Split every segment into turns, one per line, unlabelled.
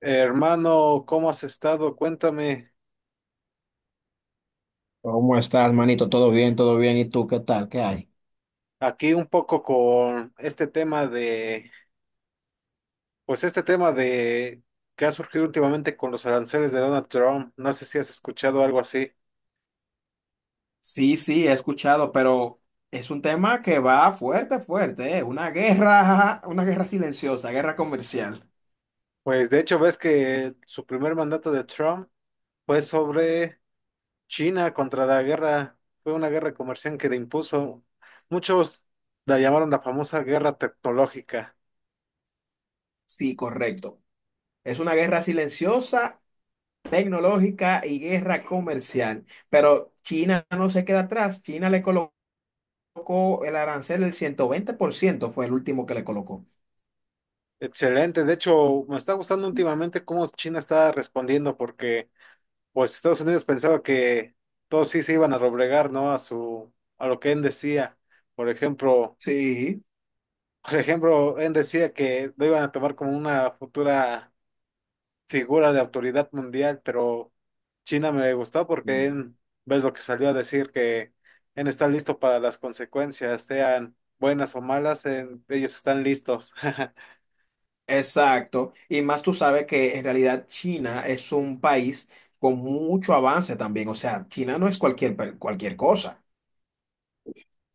Hermano, ¿cómo has estado? Cuéntame
¿Cómo estás, manito? ¿Todo bien? ¿Todo bien? ¿Y tú qué tal? ¿Qué hay?
aquí un poco con este tema de, pues este tema de que ha surgido últimamente con los aranceles de Donald Trump. No sé si has escuchado algo así.
Sí, sí, he escuchado, pero es un tema que va fuerte, fuerte, ¿eh? Una guerra, una guerra silenciosa, guerra comercial.
Pues de hecho ves que su primer mandato de Trump fue sobre China contra la guerra, fue una guerra comercial que le impuso. Muchos la llamaron la famosa guerra tecnológica.
Sí, correcto. Es una guerra silenciosa, tecnológica y guerra comercial. Pero China no se queda atrás. China le colocó el arancel el ciento veinte por ciento fue el último que le colocó.
Excelente, de hecho me está gustando últimamente cómo China está respondiendo porque pues Estados Unidos pensaba que todos sí se iban a doblegar, ¿no? A lo que él decía. Por ejemplo,
Sí.
él decía que lo iban a tomar como una futura figura de autoridad mundial, pero China me gustó porque él, ves lo que salió a decir, que él está listo para las consecuencias, sean buenas o malas, ellos están listos.
Exacto, y más tú sabes que en realidad China es un país con mucho avance también, o sea, China no es cualquier, cualquier cosa.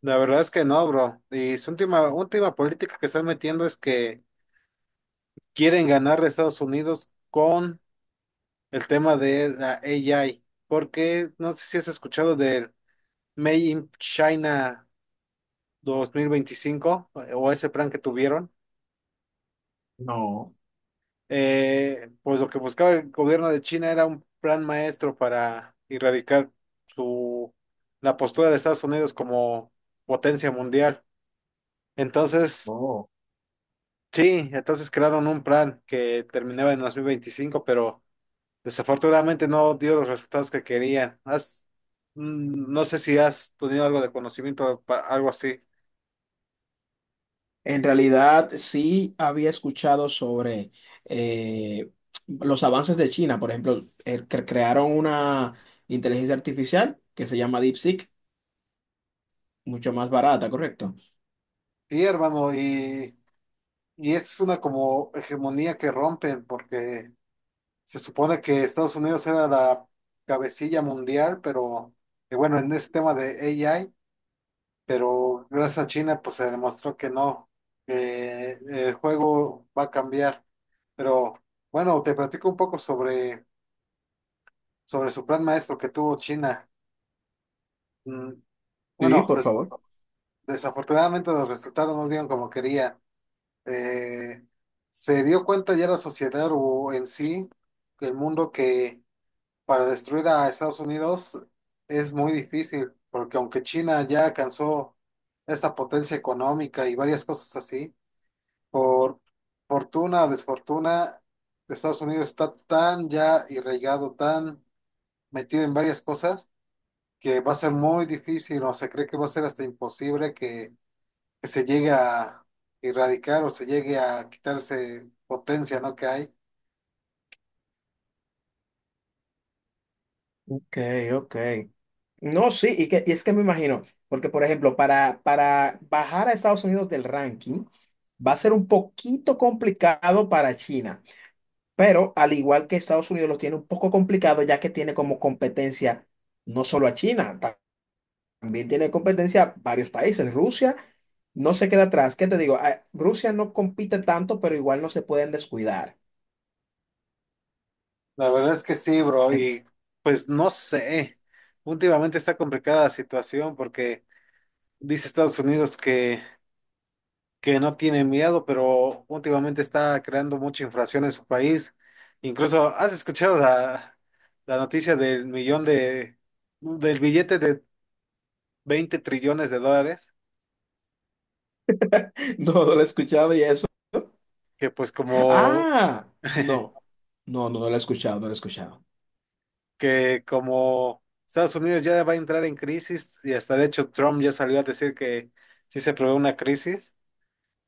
La verdad es que no, bro. Y su última, última política que están metiendo es que quieren ganar a Estados Unidos con el tema de la AI, porque no sé si has escuchado del Made in China 2025, o ese plan que tuvieron.
No,
Pues lo que buscaba el gobierno de China era un plan maestro para erradicar su, la postura de Estados Unidos como potencia mundial. Entonces,
no.
sí, entonces crearon un plan que terminaba en 2025, pero desafortunadamente no dio los resultados que querían. No sé si has tenido algo de conocimiento, algo así.
En realidad sí había escuchado sobre eh, los avances de China, por ejemplo, el que crearon una inteligencia artificial que se llama DeepSeek, mucho más barata, ¿correcto?
Sí, hermano, y es una como hegemonía que rompen, porque se supone que Estados Unidos era la cabecilla mundial, pero que bueno, en ese tema de AI, pero gracias a China, pues se demostró que no, que el juego va a cambiar. Pero bueno, te platico un poco sobre, sobre su plan maestro que tuvo China. Mm,
Sí,
Bueno,
por favor.
desafortunadamente los resultados no dieron como quería. Eh, se dio cuenta ya la sociedad o en sí, que el mundo que para destruir a Estados Unidos es muy difícil, porque aunque China ya alcanzó esa potencia económica y varias cosas así, por fortuna o desfortuna, Estados Unidos está tan ya irraigado, tan metido en varias cosas, que va a ser muy difícil o se cree que va a ser hasta imposible que se llegue a erradicar o se llegue a quitarse potencia, ¿no? Que hay.
Ok, ok. No, sí, y es que me imagino, porque por ejemplo, para bajar a Estados Unidos del ranking va a ser un poquito complicado para China, pero al igual que Estados Unidos lo tiene un poco complicado ya que tiene como competencia no solo a China, también tiene competencia a varios países. Rusia no se queda atrás, ¿qué te digo? Ah, Rusia no compite tanto, pero igual no se pueden descuidar.
La verdad es que sí, bro, y pues no sé. Últimamente está complicada la situación porque dice Estados Unidos que no tiene miedo, pero últimamente está creando mucha inflación en su país. Incluso, ¿has escuchado la noticia del billete de 20 trillones de dólares?
No, no lo he escuchado y eso.
Que pues como
Ah, no, no, no, no lo he escuchado, no lo he escuchado.
Que como Estados Unidos ya va a entrar en crisis y hasta de hecho Trump ya salió a decir que si se prevé una crisis,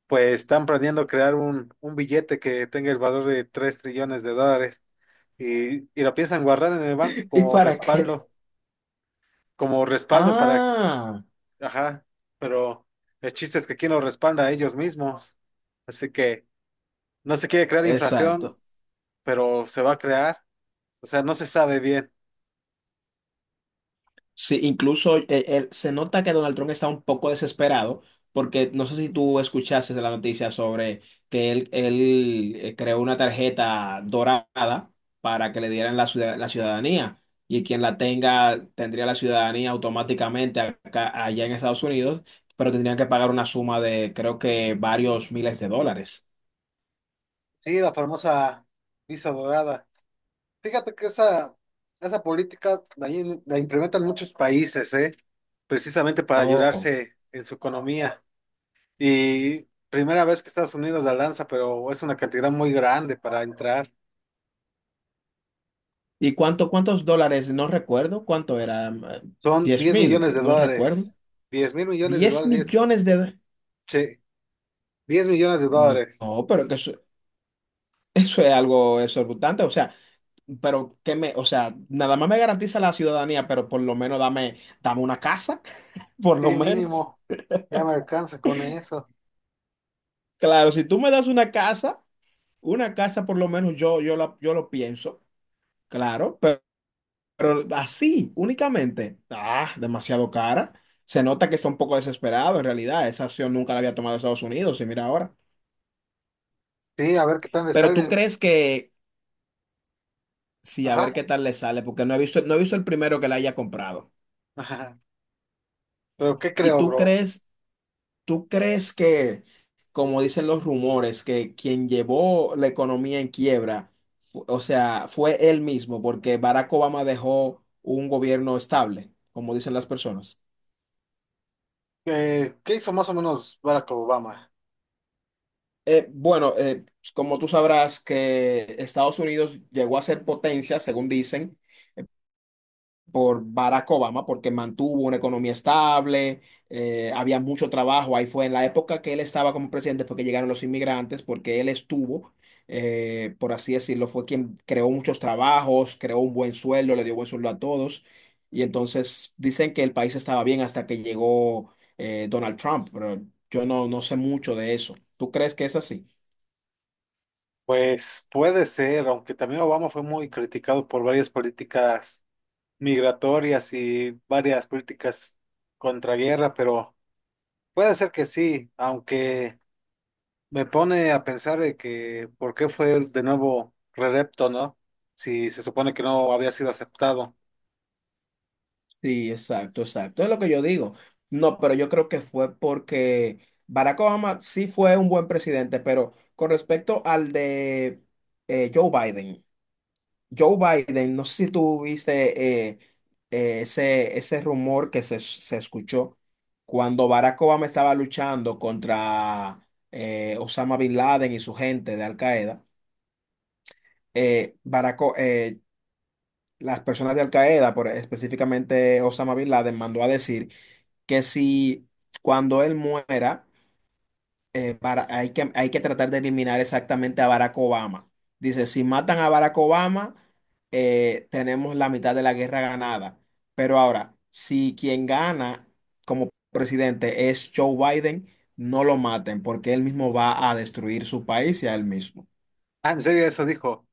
pues están planeando crear un billete que tenga el valor de 3 trillones de dólares y lo piensan guardar en el banco
¿Y para qué?
como respaldo para,
Ah,
ajá, pero el chiste es que quién lo respalda a ellos mismos. Así que no se quiere crear inflación,
exacto.
pero se va a crear, o sea, no se sabe bien.
Sí, incluso se nota que Donald Trump está un poco desesperado porque no sé si tú escuchaste de la noticia sobre que él, él creó una tarjeta dorada para que le dieran la, la ciudadanía y quien la tenga tendría la ciudadanía automáticamente acá, allá en Estados Unidos, pero tendrían que pagar una suma de creo que varios miles de dólares.
Sí, la famosa visa dorada. Fíjate que esa política la implementan muchos países, ¿eh? Precisamente para
Oh,
ayudarse en su economía. Y primera vez que Estados Unidos la lanza, pero es una cantidad muy grande para entrar.
¿y cuántos dólares? No recuerdo. ¿Cuánto era?
Son
Diez
10
mil,
millones de
no recuerdo.
dólares. diez mil millones de
Diez
dólares. Diez
millones de...
che, 10 millones de
No,
dólares.
no, pero que eso, eso es algo exorbitante. O sea, pero que me... O sea, nada más me garantiza la ciudadanía, pero por lo menos dame, dame una casa, por lo
Sí,
menos.
mínimo. Ya me alcanza con eso.
Claro, si tú me das una casa por lo menos yo lo pienso, claro. Pero así, únicamente, ah, demasiado cara. Se nota que está un poco desesperado en realidad. Esa acción nunca la había tomado Estados Unidos y mira ahora.
Sí, a ver qué tal le
Pero tú
sale.
crees que, sí, a
Ajá.
ver qué tal le sale, porque no he visto el primero que la haya comprado.
Ajá. Pero ¿qué
¿Y
creo, bro?
tú crees que, como dicen los rumores, que quien llevó la economía en quiebra, o sea, fue él mismo, porque Barack Obama dejó un gobierno estable, como dicen las personas?
¿Qué hizo más o menos Barack Obama?
Bueno, como tú sabrás que Estados Unidos llegó a ser potencia, según dicen, por Barack Obama, porque mantuvo una economía estable, había mucho trabajo. Ahí fue en la época que él estaba como presidente, fue que llegaron los inmigrantes, porque él estuvo, por así decirlo, fue quien creó muchos trabajos, creó un buen sueldo, le dio buen sueldo a todos. Y entonces dicen que el país estaba bien hasta que llegó Donald Trump, pero yo no sé mucho de eso. ¿Tú crees que es así?
Pues puede ser, aunque también Obama fue muy criticado por varias políticas migratorias y varias políticas contra guerra, pero puede ser que sí, aunque me pone a pensar de que por qué fue de nuevo reelecto, ¿no? Si se supone que no había sido aceptado.
Sí, exacto, exacto. Es lo que yo digo. No, pero yo creo que fue porque Barack Obama sí fue un buen presidente, pero con respecto al de Joe Biden, Joe Biden, no sé si tú viste ese rumor que se escuchó cuando Barack Obama estaba luchando contra Osama Bin Laden y su gente de Al Qaeda. eh, Barack O- eh, las personas de Al Qaeda, específicamente Osama Bin Laden, mandó a decir que si cuando él muera, hay que tratar de eliminar exactamente a Barack Obama. Dice, si matan a Barack Obama, tenemos la mitad de la guerra ganada. Pero ahora, si quien gana como presidente es Joe Biden, no lo maten porque él mismo va a destruir su país y a él mismo.
Ah, en serio, eso dijo.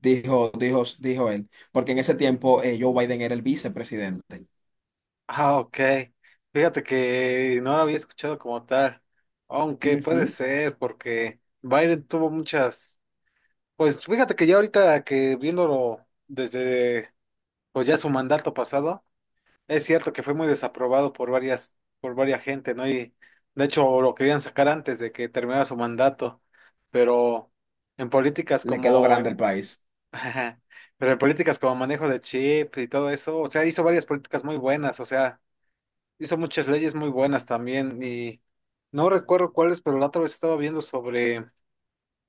Dijo, dijo, dijo él, porque en ese tiempo Joe Biden era el vicepresidente.
Ah, ok. Fíjate que no lo había escuchado como tal, aunque puede
Ujú.
ser, porque Biden tuvo muchas. Pues fíjate que ya ahorita que viéndolo desde pues ya su mandato pasado, es cierto que fue muy desaprobado por varias gente, ¿no? Y de hecho lo querían sacar antes de que terminara su mandato, pero en políticas
Le quedó
como
grande el país.
pero en políticas como manejo de chip y todo eso, o sea, hizo varias políticas muy buenas, o sea, hizo muchas leyes muy buenas también y no recuerdo cuáles, pero la otra vez estaba viendo sobre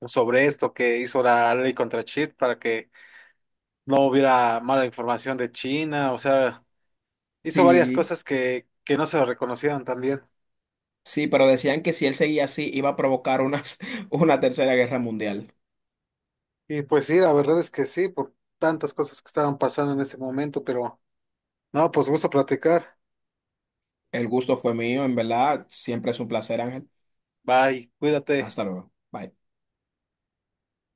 sobre esto que hizo la ley contra chip para que no hubiera mala información de China, o sea, hizo varias
Sí.
cosas que no se lo reconocieron también.
Sí, pero decían que si él seguía así iba a provocar una, una tercera guerra mundial.
Y pues sí, la verdad es que sí, por tantas cosas que estaban pasando en ese momento, pero no, pues gusto platicar.
El gusto fue mío, en verdad. Siempre es un placer, Ángel.
Bye, cuídate.
Hasta luego. Bye.